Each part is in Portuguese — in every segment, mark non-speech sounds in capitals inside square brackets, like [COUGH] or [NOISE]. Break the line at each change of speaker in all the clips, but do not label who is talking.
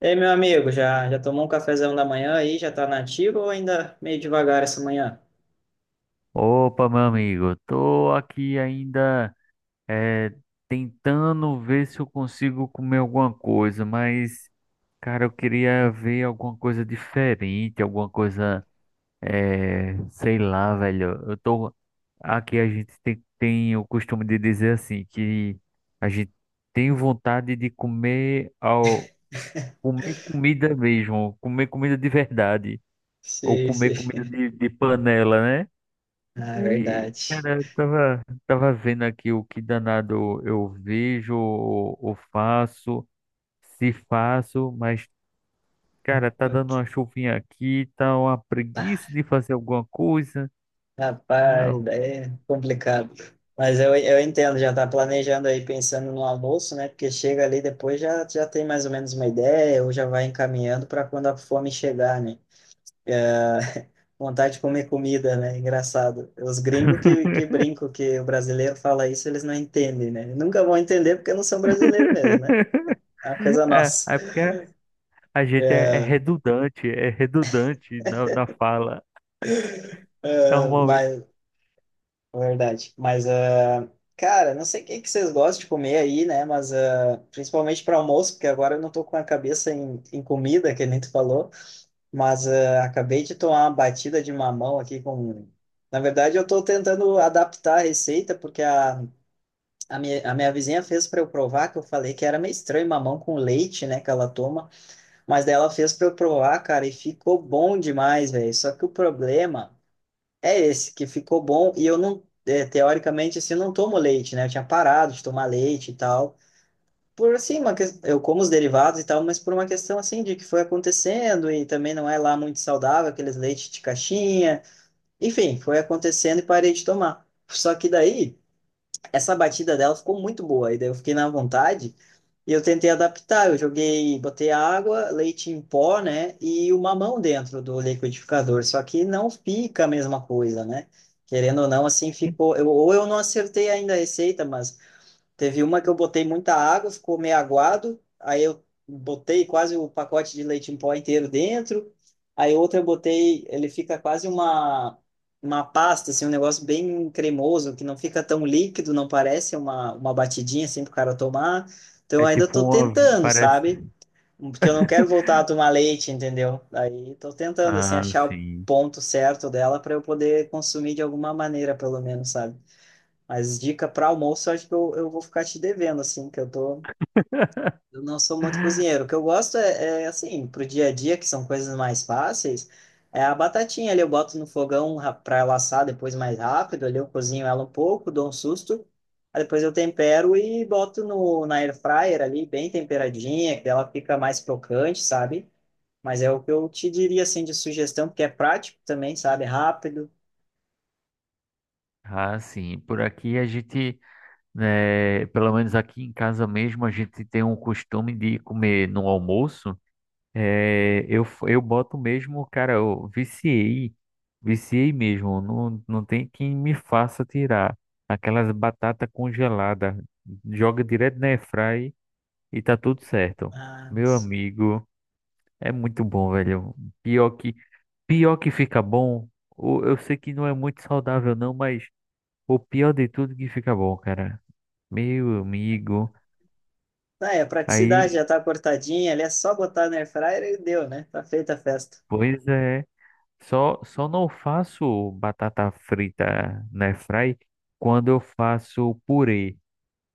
Ei, meu amigo, já tomou um cafezão da manhã aí? Já tá nativo ou ainda meio devagar essa manhã?
Opa, meu amigo, tô aqui ainda eh, tentando ver se eu consigo comer alguma coisa, mas, cara, eu queria ver alguma coisa diferente, alguma coisa, sei lá, velho. Eu tô. Aqui a gente tem o costume de dizer assim, que a gente tem vontade de comer, comer comida mesmo, comer comida de verdade, ou
Sim,
comer
sim.
comida
[LAUGHS]
de panela, né?
Ah, é
E,
verdade.
cara, eu tava vendo aqui o que danado eu vejo, ou faço, se faço, mas, cara, tá
Eu-
dando uma chuvinha aqui, tá uma
tá.
preguiça de fazer alguma coisa. Ah,
Rapaz,
eu-
daí é complicado. Mas eu entendo, já tá planejando aí, pensando no almoço, né? Porque chega ali depois já tem mais ou menos uma ideia, ou já vai encaminhando para quando a fome chegar, né? Vontade de comer comida, né? Engraçado. Os gringos que
[LAUGHS]
brincam que o brasileiro fala isso, eles não entendem, né? Nunca vão entender porque não são brasileiros mesmo, né? É uma coisa
É,
nossa.
é porque a gente é
É,
redundante, é redundante na fala. Normalmente
mas, é verdade. Mas, ah, cara, não sei o que que vocês gostam de comer aí, né? Mas, ah, principalmente para almoço, porque agora eu não tô com a cabeça em comida, que nem tu falou. Mas ah, acabei de tomar uma batida de mamão aqui com. Na verdade, eu tô tentando adaptar a receita, porque a a minha vizinha fez para eu provar, que eu falei que era meio estranho mamão com leite, né, que ela toma, mas daí ela fez para eu provar, cara, e ficou bom demais, velho. Só que o problema é esse, que ficou bom e eu não, é, teoricamente, assim, eu não tomo leite, né? Eu tinha parado de tomar leite e tal. Por assim, uma que eu como os derivados e tal, mas por uma questão assim de que foi acontecendo e também não é lá muito saudável aqueles leites de caixinha. Enfim, foi acontecendo e parei de tomar. Só que daí essa batida dela ficou muito boa. E daí eu fiquei na vontade e eu tentei adaptar. Eu joguei, botei água, leite em pó, né? E o mamão dentro do liquidificador. Só que não fica a mesma coisa, né? Querendo ou não, assim ficou. Eu, ou eu não acertei ainda a receita, mas teve uma que eu botei muita água, ficou meio aguado. Aí eu botei quase o pacote de leite em pó inteiro dentro. Aí outra eu botei, ele fica quase uma pasta, assim, um negócio bem cremoso, que não fica tão líquido, não parece uma batidinha assim para o cara tomar. Então eu
é
ainda
tipo
estou
uma,
tentando,
parece.
sabe? Porque eu não quero voltar a
[LAUGHS]
tomar leite, entendeu? Aí estou tentando assim
Ah,
achar o
sim.
ponto certo dela para eu poder consumir de alguma maneira, pelo menos, sabe? Mas dica para almoço, eu acho que eu vou ficar te devendo, assim, que eu tô.
[LAUGHS]
Eu não sou muito cozinheiro. O que eu gosto é, é assim, pro dia a dia, que são coisas mais fáceis, é a batatinha ali, eu boto no fogão para pra ela assar depois mais rápido, ali eu cozinho ela um pouco, dou um susto, aí depois eu tempero e boto no, na air fryer ali, bem temperadinha, que ela fica mais crocante, sabe? Mas é o que eu te diria, assim, de sugestão, porque é prático também, sabe? Rápido.
Ah, sim. Por aqui a gente. É, pelo menos aqui em casa mesmo, a gente tem um costume de comer no almoço. É, eu, eu boto mesmo, cara, eu viciei, viciei mesmo. Não, não tem quem me faça tirar aquelas batata congelada. Joga direto na airfry e tá tudo certo.
Ah,
Meu amigo, é muito bom, velho. Pior que, pior que fica bom. Eu sei que não é muito saudável, não, mas o pior de tudo é que fica bom, cara. Meu amigo.
ah, é, a praticidade
Aí,
já tá cortadinha, ali é só botar na air fryer e deu, né? Tá feita a festa.
pois é, só não faço batata frita na fry quando eu faço purê.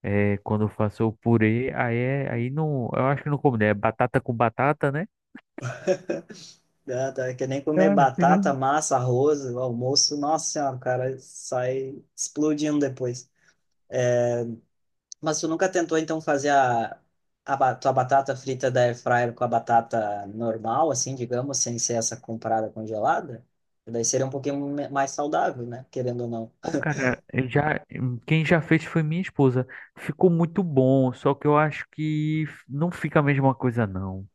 É, quando eu faço o purê, aí é, aí não, eu acho que não combina, é batata com batata, né?
Ah, tá, que nem
Eu
comer
acho que
batata,
não.
massa, arroz, o almoço, nossa senhora, o cara sai explodindo depois. Mas tu nunca tentou então fazer a, tua batata frita da air fryer com a batata normal, assim, digamos, sem ser essa comprada congelada? Daí seria um pouquinho mais saudável, né? Querendo ou não.
Eu já, quem já fez foi minha esposa. Ficou muito bom, só que eu acho que não fica a mesma coisa, não.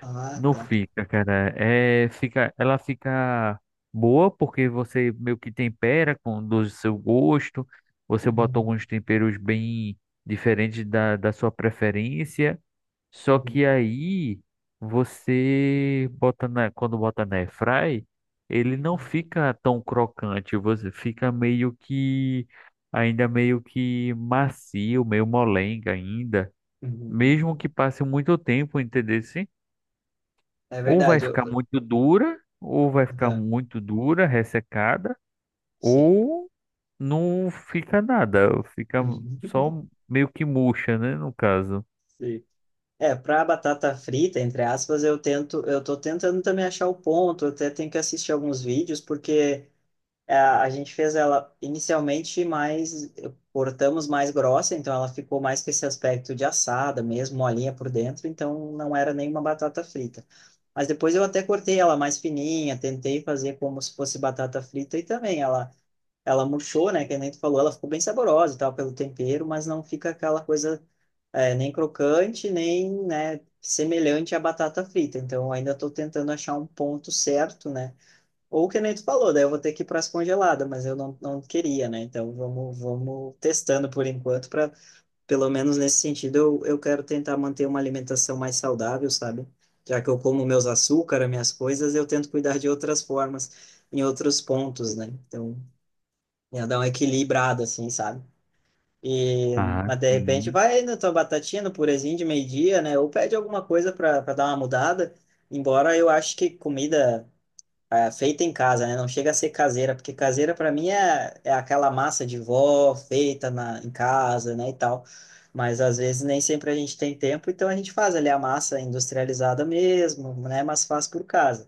Ah,
Não
tá.
fica, cara. É, fica, ela fica boa porque você meio que tempera com do seu gosto. Você bota
Uhum,
alguns temperos bem diferentes da sua preferência. Só
uhum,
que aí você bota na, quando bota na airfry, ele não
uhum,
fica tão crocante. Você fica meio que ainda meio que macio, meio molenga ainda,
uhum.
mesmo que passe muito tempo, entendeu?
É
Ou vai
verdade.
ficar
Eu...
muito dura,
Uhum,
ressecada,
sim.
ou não fica nada, fica só meio que murcha, né, no caso.
Sim. É, para batata frita, entre aspas, eu tento, eu tô tentando também achar o ponto, eu até tenho que assistir alguns vídeos, porque é, a gente fez ela inicialmente mais, cortamos mais grossa, então ela ficou mais com esse aspecto de assada mesmo, molinha por dentro, então não era nenhuma batata frita. Mas depois eu até cortei ela mais fininha, tentei fazer como se fosse batata frita e também ela murchou, né, que nem tu falou, ela ficou bem saborosa e tal, pelo tempero, mas não fica aquela coisa é, nem crocante, nem, né, semelhante à batata frita. Então, eu ainda estou tentando achar um ponto certo, né? Ou que nem tu falou, daí eu vou ter que ir para as congeladas, mas eu não, não queria, né? Então, vamos testando por enquanto, para pelo menos nesse sentido, eu quero tentar manter uma alimentação mais saudável, sabe? Já que eu como meus açúcar, minhas coisas, eu tento cuidar de outras formas, em outros pontos, né? Então, ia dar uma equilibrada, assim, sabe? E,
Ah,
mas de repente
sim.
vai na tua batatinha, no purezinho de meio-dia, né? Ou pede alguma coisa para dar uma mudada. Embora eu acho que comida ah, feita em casa, né? Não chega a ser caseira, porque caseira para mim é, é aquela massa de vó feita em casa, né? E tal. Mas às vezes nem sempre a gente tem tempo, então a gente faz ali a massa industrializada mesmo, né? Mas faz por casa.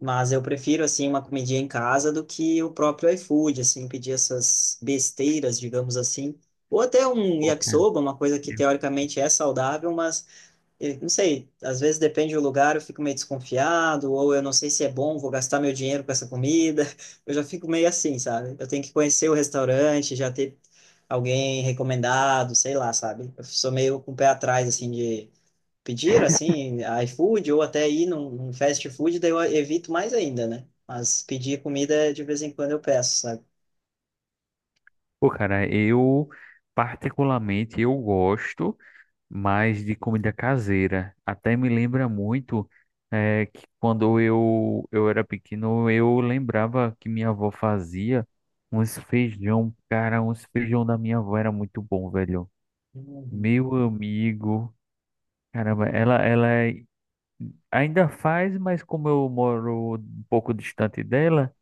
Mas eu prefiro, assim, uma comidinha em casa do que o próprio iFood, assim, pedir essas besteiras, digamos assim. Ou até um
Pô, cara,
yakisoba, uma coisa que
eu
teoricamente é saudável, mas não sei, às vezes depende do lugar, eu fico meio desconfiado, ou eu não sei se é bom, vou gastar meu dinheiro com essa comida. [LAUGHS] Eu já fico meio assim, sabe? Eu tenho que conhecer o restaurante, já ter alguém recomendado, sei lá, sabe? Eu sou meio com o pé atrás, assim, de pedir, assim, iFood ou até ir num, num fast food, daí eu evito mais ainda, né? Mas pedir comida de vez em quando eu peço, sabe?
pô, cara, eu, particularmente eu gosto mais de comida caseira. Até me lembra muito é, que quando eu era pequeno, eu lembrava que minha avó fazia uns feijão. Cara, uns feijão da minha avó era muito bom, velho.
Uhum.
Meu amigo, caramba, ainda faz, mas como eu moro um pouco distante dela,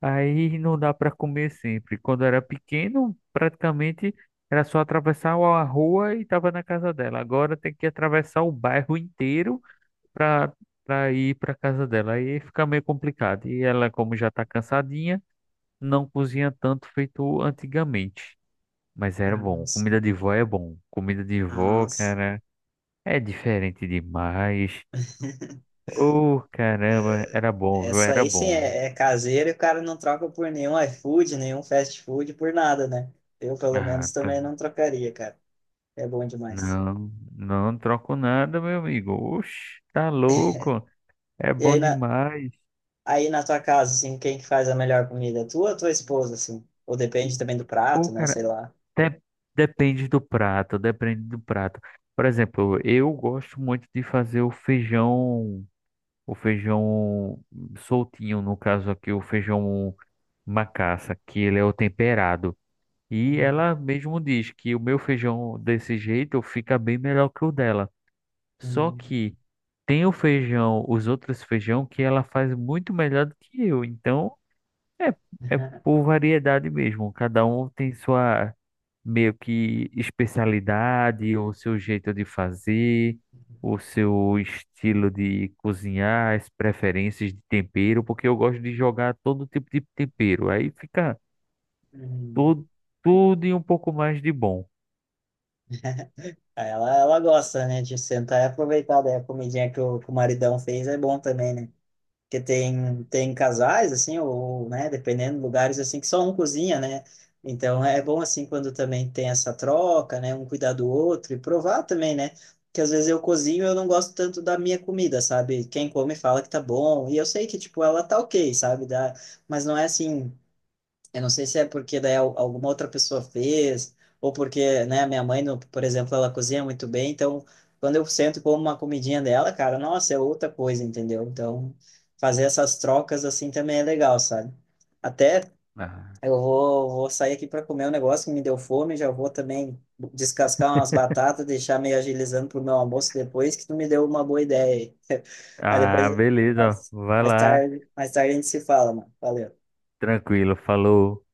aí não dá para comer sempre. Quando era pequeno, praticamente era só atravessar a rua e estava na casa dela. Agora tem que atravessar o bairro inteiro para ir para casa dela. Aí fica meio complicado. E ela, como já está cansadinha, não cozinha tanto feito antigamente. Mas era bom.
Nossa.
Comida de vó é bom. Comida de vó,
Nossa.
cara. É diferente demais. Oh, caramba, era bom, viu?
Essa
Era
aí sim
bom.
é, é caseira e o cara não troca por nenhum iFood, nenhum fast food, por nada, né? Eu, pelo
Ah,
menos, também
tá-
não trocaria, cara. É bom demais.
não, não troco nada, meu amigo. Oxe, tá louco? É
E
bom demais.
aí na tua casa, assim, quem que faz a melhor comida? Tu ou tua esposa, assim? Ou depende também do prato,
Pô,
né?
cara,
Sei lá.
de- depende do prato, depende do prato. Por exemplo, eu gosto muito de fazer o feijão soltinho, no caso aqui, o feijão macaça, que ele é o temperado. E
Uhum.
ela mesmo diz que o meu feijão desse jeito fica bem melhor que o dela. Só
Uhum.
que tem o feijão, os outros feijão que ela faz muito melhor do que eu. Então é, é por variedade mesmo. Cada um tem sua meio que especialidade, o seu jeito de fazer, o seu estilo de cozinhar, as preferências de tempero, porque eu gosto de jogar todo tipo de tempero. Aí fica tudo,
[LAUGHS]
tudo e um pouco mais de bom.
Ah, ela gosta, né, de sentar e aproveitar daí a comidinha que o maridão fez, é bom também, né? Porque tem, tem casais, assim, ou, né, dependendo, lugares, assim, que só um cozinha, né? Então, é bom, assim, quando também tem essa troca, né, um cuidar do outro e provar também, né? Porque às vezes eu cozinho e eu não gosto tanto da minha comida, sabe? Quem come fala que tá bom, e eu sei que, tipo, ela tá ok, sabe? Dá, mas não é assim, eu não sei se é porque daí alguma outra pessoa fez, ou porque, né, minha mãe, por exemplo, ela cozinha muito bem, então quando eu sento e como uma comidinha dela, cara, nossa, é outra coisa, entendeu? Então, fazer essas trocas assim também é legal, sabe? Até
Ah,
eu vou sair aqui para comer um negócio que me deu fome, já vou também descascar umas batatas, deixar meio agilizando pro meu almoço depois, que tu me deu uma boa ideia aí. [LAUGHS] Mas
ah,
depois,
beleza. Vai lá.
mais tarde a gente se fala, mano. Valeu.
Tranquilo. Falou.